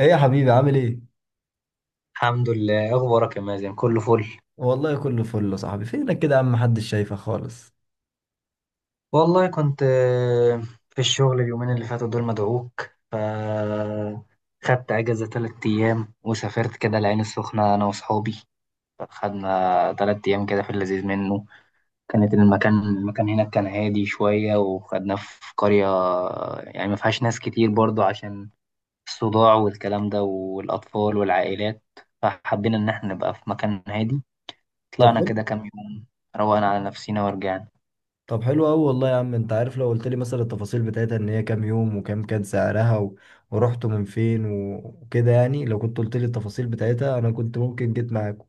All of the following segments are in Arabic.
ايه يا حبيبي عامل ايه؟ الحمد لله إيه اخبارك يا مازن كله فل. والله كله فل يا صاحبي. فينك كده يا عم، محدش شايفك خالص؟ والله كنت في الشغل اليومين اللي فاتوا دول مدعوك ف خدت اجازه 3 ايام وسافرت كده العين السخنه انا واصحابي. خدنا 3 ايام كده في اللذيذ منه. كانت المكان هناك كان هادي شويه وخدناه في قريه يعني ما فيهاش ناس كتير برضو عشان الصداع والكلام ده والاطفال والعائلات، فحبينا ان احنا نبقى في مكان هادي. طب طلعنا حلو. كده كام يوم، روقنا على نفسينا ورجعنا. طب حلو قوي والله يا عم، انت عارف لو قلت لي مثلا التفاصيل بتاعتها، ان هي كام يوم وكام كان سعرها ورحتوا من فين وكده، يعني لو كنت قلت لي التفاصيل بتاعتها انا كنت ممكن جيت معاكم.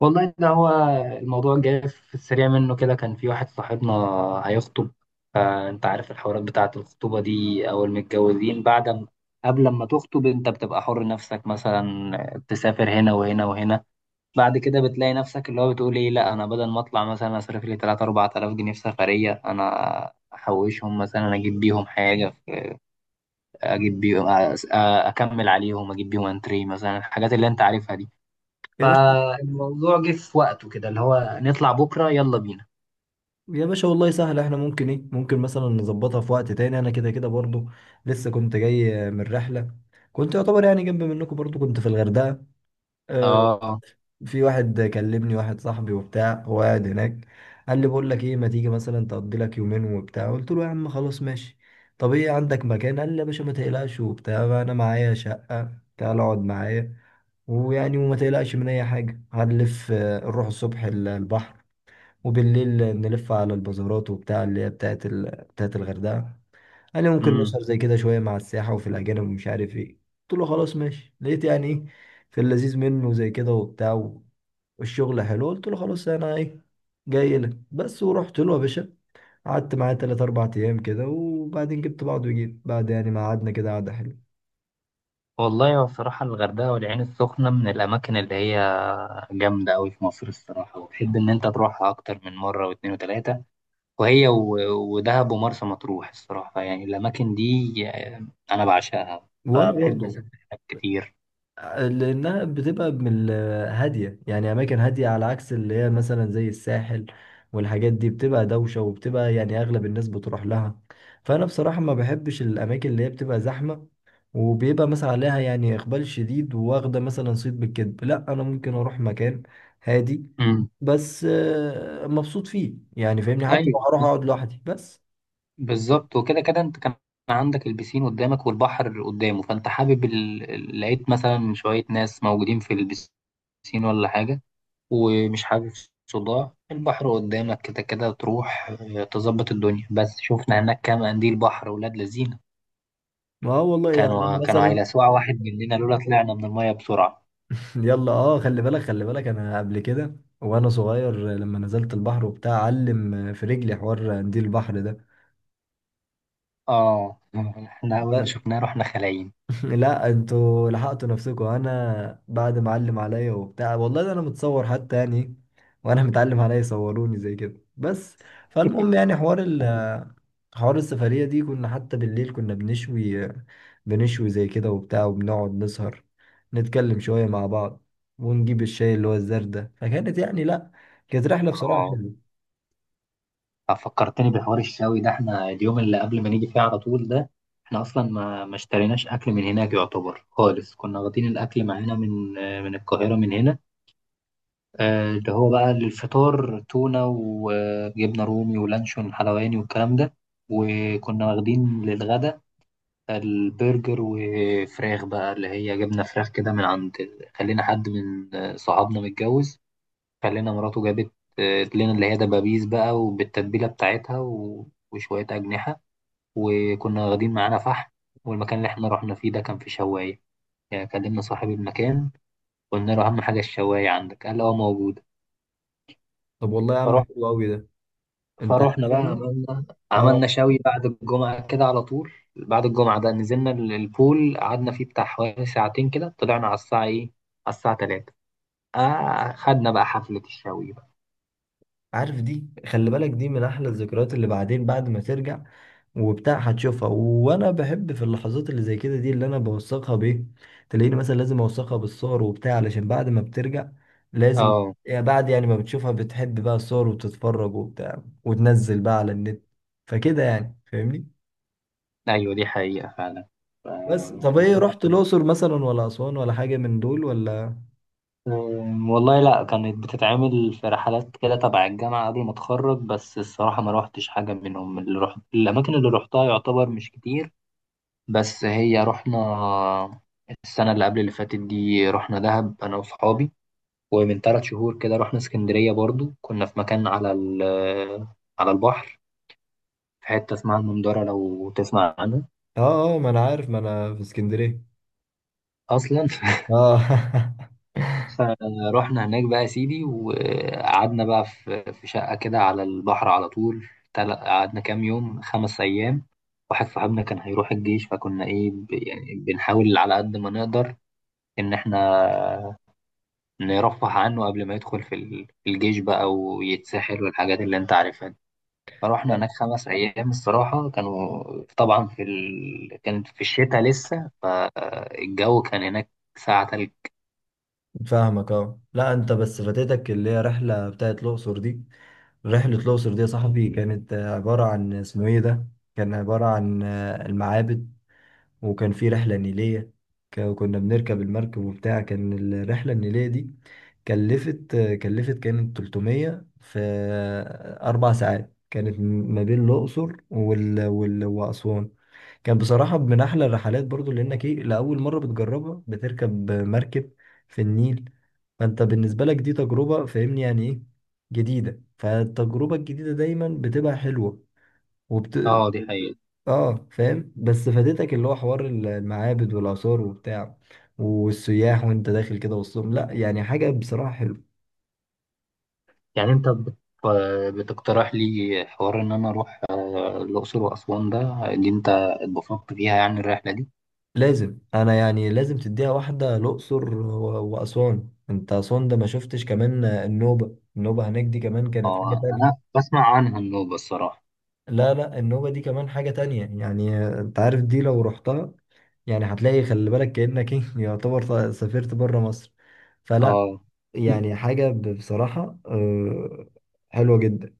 والله ده هو الموضوع جاي في السريع منه كده، كان في واحد صاحبنا هيخطب، فانت عارف الحوارات بتاعة الخطوبة دي او المتجوزين بعد ما، قبل ما تخطب انت بتبقى حر نفسك مثلا تسافر هنا وهنا وهنا. بعد كده بتلاقي نفسك اللي هو بتقول ايه، لا انا بدل ما اطلع مثلا اصرف لي 3 4000 جنيه في سفرية انا احوشهم مثلا اجيب بيهم حاجة، اجيب بيهم اكمل عليهم اجيب بيهم انتري مثلا الحاجات اللي انت عارفها دي. يا باشا. فالموضوع جه في وقته كده اللي هو نطلع بكرة يلا بينا. يا باشا والله سهل، احنا ممكن ايه ممكن مثلا نظبطها في وقت تاني. انا كده كده برضو لسه كنت جاي من رحلة. كنت يعتبر يعني جنب منكم، برضو كنت في الغردقة. آه، اه. في واحد كلمني، واحد صاحبي وبتاع، هو قاعد هناك. قال لي: بقول لك ايه، ما تيجي مثلا تقضي لك يومين وبتاع؟ قلت له يا عم خلاص ماشي. طب ايه، عندك مكان؟ قال لي يا باشا ما تقلقش وبتاع، انا معايا شقة، تعال اقعد معايا، ويعني وما تقلقش من اي حاجة، هنلف نروح الصبح البحر، وبالليل نلف على البازارات وبتاع، اللي هي بتاعت بتاعت الغردقة. قال لي ممكن امم. نسهر زي كده شوية مع السياحة وفي الأجانب ومش عارف ايه. قلت له خلاص ماشي. لقيت يعني ايه، في اللذيذ منه زي كده وبتاع، والشغل حلو. قلت له خلاص، انا ايه جاي لك بس. ورحت له يا باشا، قعدت معاه 3 4 ايام كده، وبعدين جبت بعض وجيت بعد، يعني ما قعدنا كده قعده حلوه. والله هو بصراحة الغردقة والعين السخنة من الأماكن اللي هي جامدة أوي في مصر الصراحة، وتحب إن أنت تروحها أكتر من مرة واتنين وتلاتة. وهي ودهب ومرسى مطروح الصراحة، يعني الأماكن دي أنا بعشقها، وانا فبحب برضه. أسافر هناك كتير. لأنها بتبقى هادية، يعني أماكن هادية، على عكس اللي هي مثلا زي الساحل، والحاجات دي بتبقى دوشة، وبتبقى يعني أغلب الناس بتروح لها. فأنا بصراحة ما بحبش الأماكن اللي هي بتبقى زحمة، وبيبقى مثلا عليها يعني إقبال شديد، وواخدة مثلا صيت بالكذب. لا، أنا ممكن أروح مكان هادي، امم. بس مبسوط فيه، يعني فاهمني، حتى لو هروح أيوه أقعد لوحدي بس. بالظبط، وكده كده انت كان عندك البسين قدامك والبحر قدامه، فانت حابب لقيت مثلا شوية ناس موجودين في البسين ولا حاجة ومش حابب صداع، البحر قدامك كده كده تروح اه، تظبط الدنيا. بس شفنا هناك كام قنديل بحر ولاد لذينة، ما هو والله يعني كانوا أنا كانوا مثلا، هيلسعوا واحد مننا لولا طلعنا من المية بسرعة. يلا اه، خلي بالك خلي بالك، انا قبل كده وانا صغير لما نزلت البحر وبتاع علم في رجلي حوار قنديل البحر اه احنا أول ما ده. شفناه رحنا خلايين. لا، انتوا لحقتوا نفسكم، انا بعد ما علم عليا وبتاع، والله ده انا متصور حتى، يعني وانا متعلم عليا صوروني زي كده بس. فالمهم يعني حوار السفرية دي، كنا حتى بالليل كنا بنشوي، بنشوي زي كده وبتاع، وبنقعد نسهر، نتكلم شوية مع بعض، ونجيب الشاي اللي هو الزردة. فكانت يعني، لا، كانت رحلة بصراحة اه، حلوة. فكرتني بحوار الشاوي ده، احنا اليوم اللي قبل ما نيجي فيه على طول ده احنا اصلا ما اشتريناش اكل من هناك يعتبر خالص، كنا واخدين الاكل معانا من من القاهره من هنا. اللي هو بقى للفطار تونه وجبنه رومي ولانشون حلواني والكلام ده، وكنا واخدين للغدا البرجر وفراخ بقى اللي هي جبنه فراخ كده من عند، خلينا حد من صحابنا متجوز خلينا مراته جابت لنا اللي هي دبابيس بقى وبالتتبيلة بتاعتها وشوية أجنحة، وكنا واخدين معانا فحم. والمكان اللي احنا رحنا فيه ده كان في شواية، يعني كلمنا صاحب المكان قلنا له أهم حاجة الشواية عندك قال اه موجودة. طب والله يا عم فروح حلو قوي ده، انت فروحنا عارف بقى، يعني. عملنا اه، شوي، بعد الجمعة كده على طول بعد الجمعة ده نزلنا البول قعدنا فيه بتاع حوالي ساعتين كده، طلعنا على الساعة ايه، على الساعة تلاتة، آه خدنا بقى حفلة الشوي بقى. عارف دي، خلي بالك، دي من احلى الذكريات، اللي بعدين بعد ما ترجع وبتاع هتشوفها. وانا بحب في اللحظات اللي زي كده دي، اللي انا بوثقها بايه، تلاقيني مثلا لازم اوثقها بالصور وبتاع، علشان بعد ما بترجع لازم، اه يعني بعد يعني ما بتشوفها بتحب بقى الصور، وبتتفرج وبتاع، وتنزل بقى على النت. فكده يعني فاهمني. ايوه دي حقيقة فعلا. ف- بس طب ايه، الموضوع رحت الاقصر مثلا ولا اسوان ولا حاجه من دول ولا؟ والله لا، كانت بتتعمل في رحلات كده تبع الجامعة قبل ما اتخرج بس الصراحة ما روحتش حاجة منهم. اللي رحت الأماكن اللي روحتها يعتبر مش كتير، بس هي رحنا السنة اللي قبل اللي فاتت دي رحنا دهب أنا وصحابي، ومن 3 شهور كده رحنا اسكندرية برضو، كنا في مكان على على البحر في حتة اسمها المندرة لو تسمع عنها اه اه، ما انا عارف، ما انا في اسكندريه. أصلا اه فروحنا هناك بقى يا سيدي وقعدنا بقى في شقة كده على البحر على طول. قعدنا كام يوم، 5 أيام. واحد صاحبنا كان هيروح الجيش فكنا إيه يعني بنحاول على قد ما نقدر إن إحنا نرفه عنه قبل ما يدخل في في الجيش بقى ويتسحل والحاجات اللي أنت عارفها دي. فروحنا لا، هناك 5 أيام الصراحة كانوا، طبعا كانت في الشتاء لسه، فالجو كان هناك ساعة تلج. فاهمك. اه لا، انت بس فاتتك اللي هي رحله بتاعت الاقصر دي. رحلة الأقصر دي يا صاحبي كانت عبارة عن، اسمه إيه ده؟ كان عبارة عن المعابد، وكان في رحلة نيلية. كنا بنركب المركب وبتاع. كان الرحلة النيلية دي كلفت كانت 300 في 4 ساعات، كانت ما بين الأقصر وأسوان. كان بصراحة من أحلى الرحلات برضو، لأنك إيه، لأول مرة بتجربها، بتركب مركب في النيل. فأنت بالنسبة لك دي تجربة، فاهمني يعني إيه، جديدة، فالتجربة الجديدة دايما بتبقى حلوة وبت اه دي حقيقة. آه، فاهم، بس فاتتك اللي هو حوار المعابد والآثار وبتاع، والسياح، وأنت داخل كده وسطهم. لأ، يعني حاجة بصراحة حلوة. يعني انت بتقترح لي حوار ان انا اروح الاقصر واسوان ده، اللي انت اتبسطت فيها يعني الرحله دي. لازم، أنا يعني لازم تديها واحدة، الأقصر وأسوان. أنت أسوان ده ما شفتش كمان النوبة. النوبة هناك دي كمان كانت حاجة اه انا تانية. بسمع عنها النوبه الصراحه. لا لا، النوبة دي كمان حاجة تانية يعني، انت عارف دي لو رحتها، يعني هتلاقي، خلي بالك، كأنك ايه يعتبر سافرت بره مصر. فلا، اه يعني حاجة بصراحة حلوة جدا.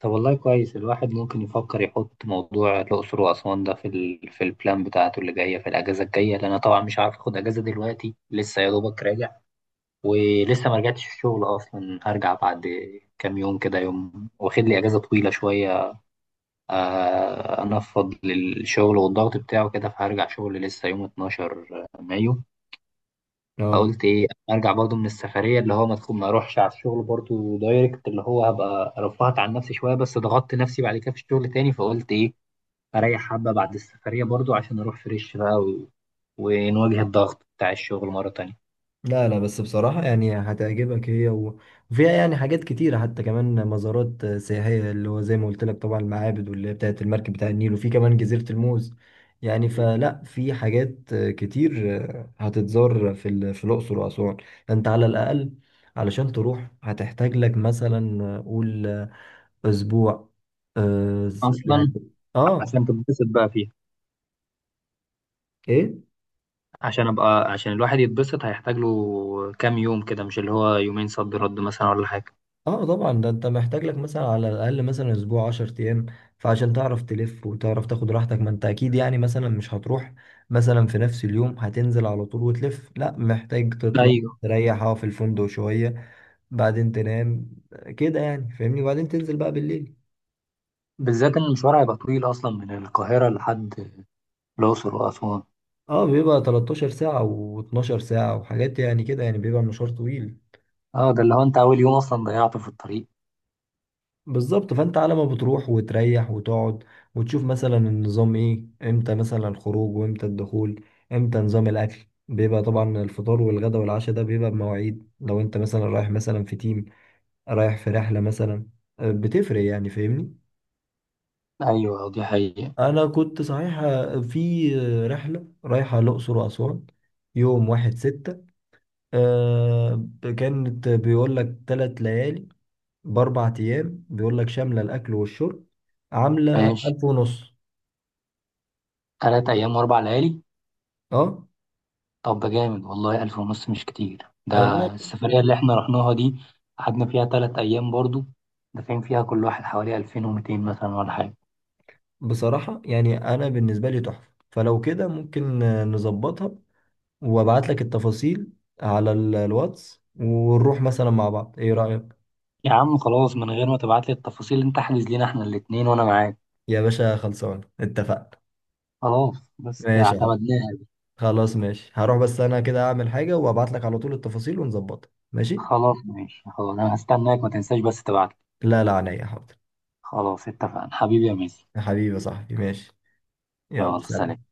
طب والله كويس، الواحد ممكن يفكر يحط موضوع الاقصر واسوان ده في في البلان بتاعته اللي جايه في الاجازه الجايه، لان انا طبعا مش عارف اخد اجازه دلوقتي لسه يا دوبك راجع، ولسه ما رجعتش الشغل اصلا، هرجع بعد كام يوم كده، يوم واخد لي اجازه طويله شويه انفض للشغل والضغط بتاعه كده، فهرجع شغل لسه يوم 12 مايو. اه. فقلت ايه ارجع برضو من السفريه اللي هو ما تكون ما اروحش على الشغل برضو دايركت، اللي هو هبقى رفعت عن نفسي شويه بس ضغطت نفسي بعد كده في الشغل تاني، فقلت ايه اريح حبه بعد السفريه برضو عشان اروح فريش بقى ونواجه الضغط بتاع الشغل مره تانيه. لا لا، بس بصراحة يعني هتعجبك هي وفيها يعني حاجات كتيرة، حتى كمان مزارات سياحية، اللي هو زي ما قلت لك، طبعا المعابد واللي هي بتاعت المركب بتاع النيل، وفي كمان جزيرة الموز. يعني فلا، في حاجات كتير هتتزار في الأقصر وأسوان. أنت على الأقل علشان تروح هتحتاج لك مثلا قول أسبوع. آه، يعني، اصلا آه، عشان تتبسط بقى فيها، إيه. عشان ابقى عشان الواحد يتبسط هيحتاج له كام يوم كده، مش اللي هو يومين صد رد مثلا ولا حاجه. اه طبعا، ده انت محتاج لك مثلا على الاقل مثلا اسبوع 10 ايام، فعشان تعرف تلف وتعرف تاخد راحتك، ما انت اكيد يعني مثلا مش هتروح مثلا في نفس اليوم هتنزل على طول وتلف. لا، محتاج تطلع ايوه، تريح اه في الفندق شوية، بعدين تنام كده، يعني فاهمني، وبعدين تنزل بقى بالليل. بالذات ان المشوار هيبقى طويل اصلا من القاهره لحد الاقصر واسوان. اه، بيبقى 13 ساعة و12 ساعة وحاجات يعني كده، يعني بيبقى مشوار طويل. اه ده اللي هو انت اول يوم اصلا ضيعته في الطريق. بالظبط. فانت على ما بتروح وتريح وتقعد، وتشوف مثلا النظام ايه، امتى مثلا الخروج وامتى الدخول، امتى نظام الاكل، بيبقى طبعا الفطار والغدا والعشاء ده بيبقى بمواعيد. لو انت مثلا رايح مثلا في تيم، رايح في رحلة مثلا، بتفرق، يعني فاهمني. ايوه دي حقيقه. انا كنت صحيح في رحلة رايحة الاقصر واسوان، يوم واحد ستة، آه، كانت بيقول لك 3 ليالي باربع ايام، بيقول لك شاملة الاكل والشرب، عاملة ماشي، 1500. 3 ايام واربع ليالي. اه. طب ده جامد والله، 1500 مش كتير ده، لا لا، السفريه اللي احنا رحناها دي قعدنا فيها 3 ايام برضو دافعين فيها كل واحد حوالي 2200 مثلا ولا حاجه. بصراحة يعني انا بالنسبة لي تحفة. فلو كده ممكن نظبطها وابعت لك التفاصيل على الواتس، ونروح مثلا مع بعض. ايه رأيك؟ يا عم خلاص من غير ما تبعت لي التفاصيل انت احجز لينا احنا الاتنين وانا معاك. يا باشا خلصان، اتفقنا. خلاص بس كده ماشي يا حبيبي. اعتمدناها. خلاص ماشي، هروح بس انا كده اعمل حاجة وابعت لك على طول التفاصيل ونظبطها، ماشي. خلاص ماشي خلاص، انا هستناك ما تنساش بس تبعت. لا لا، عينيا حاضر. خلاص اتفقنا حبيبي يا ميسي. يا حبيبي يا صاحبي، ماشي. يلا يلا سلام. سلام.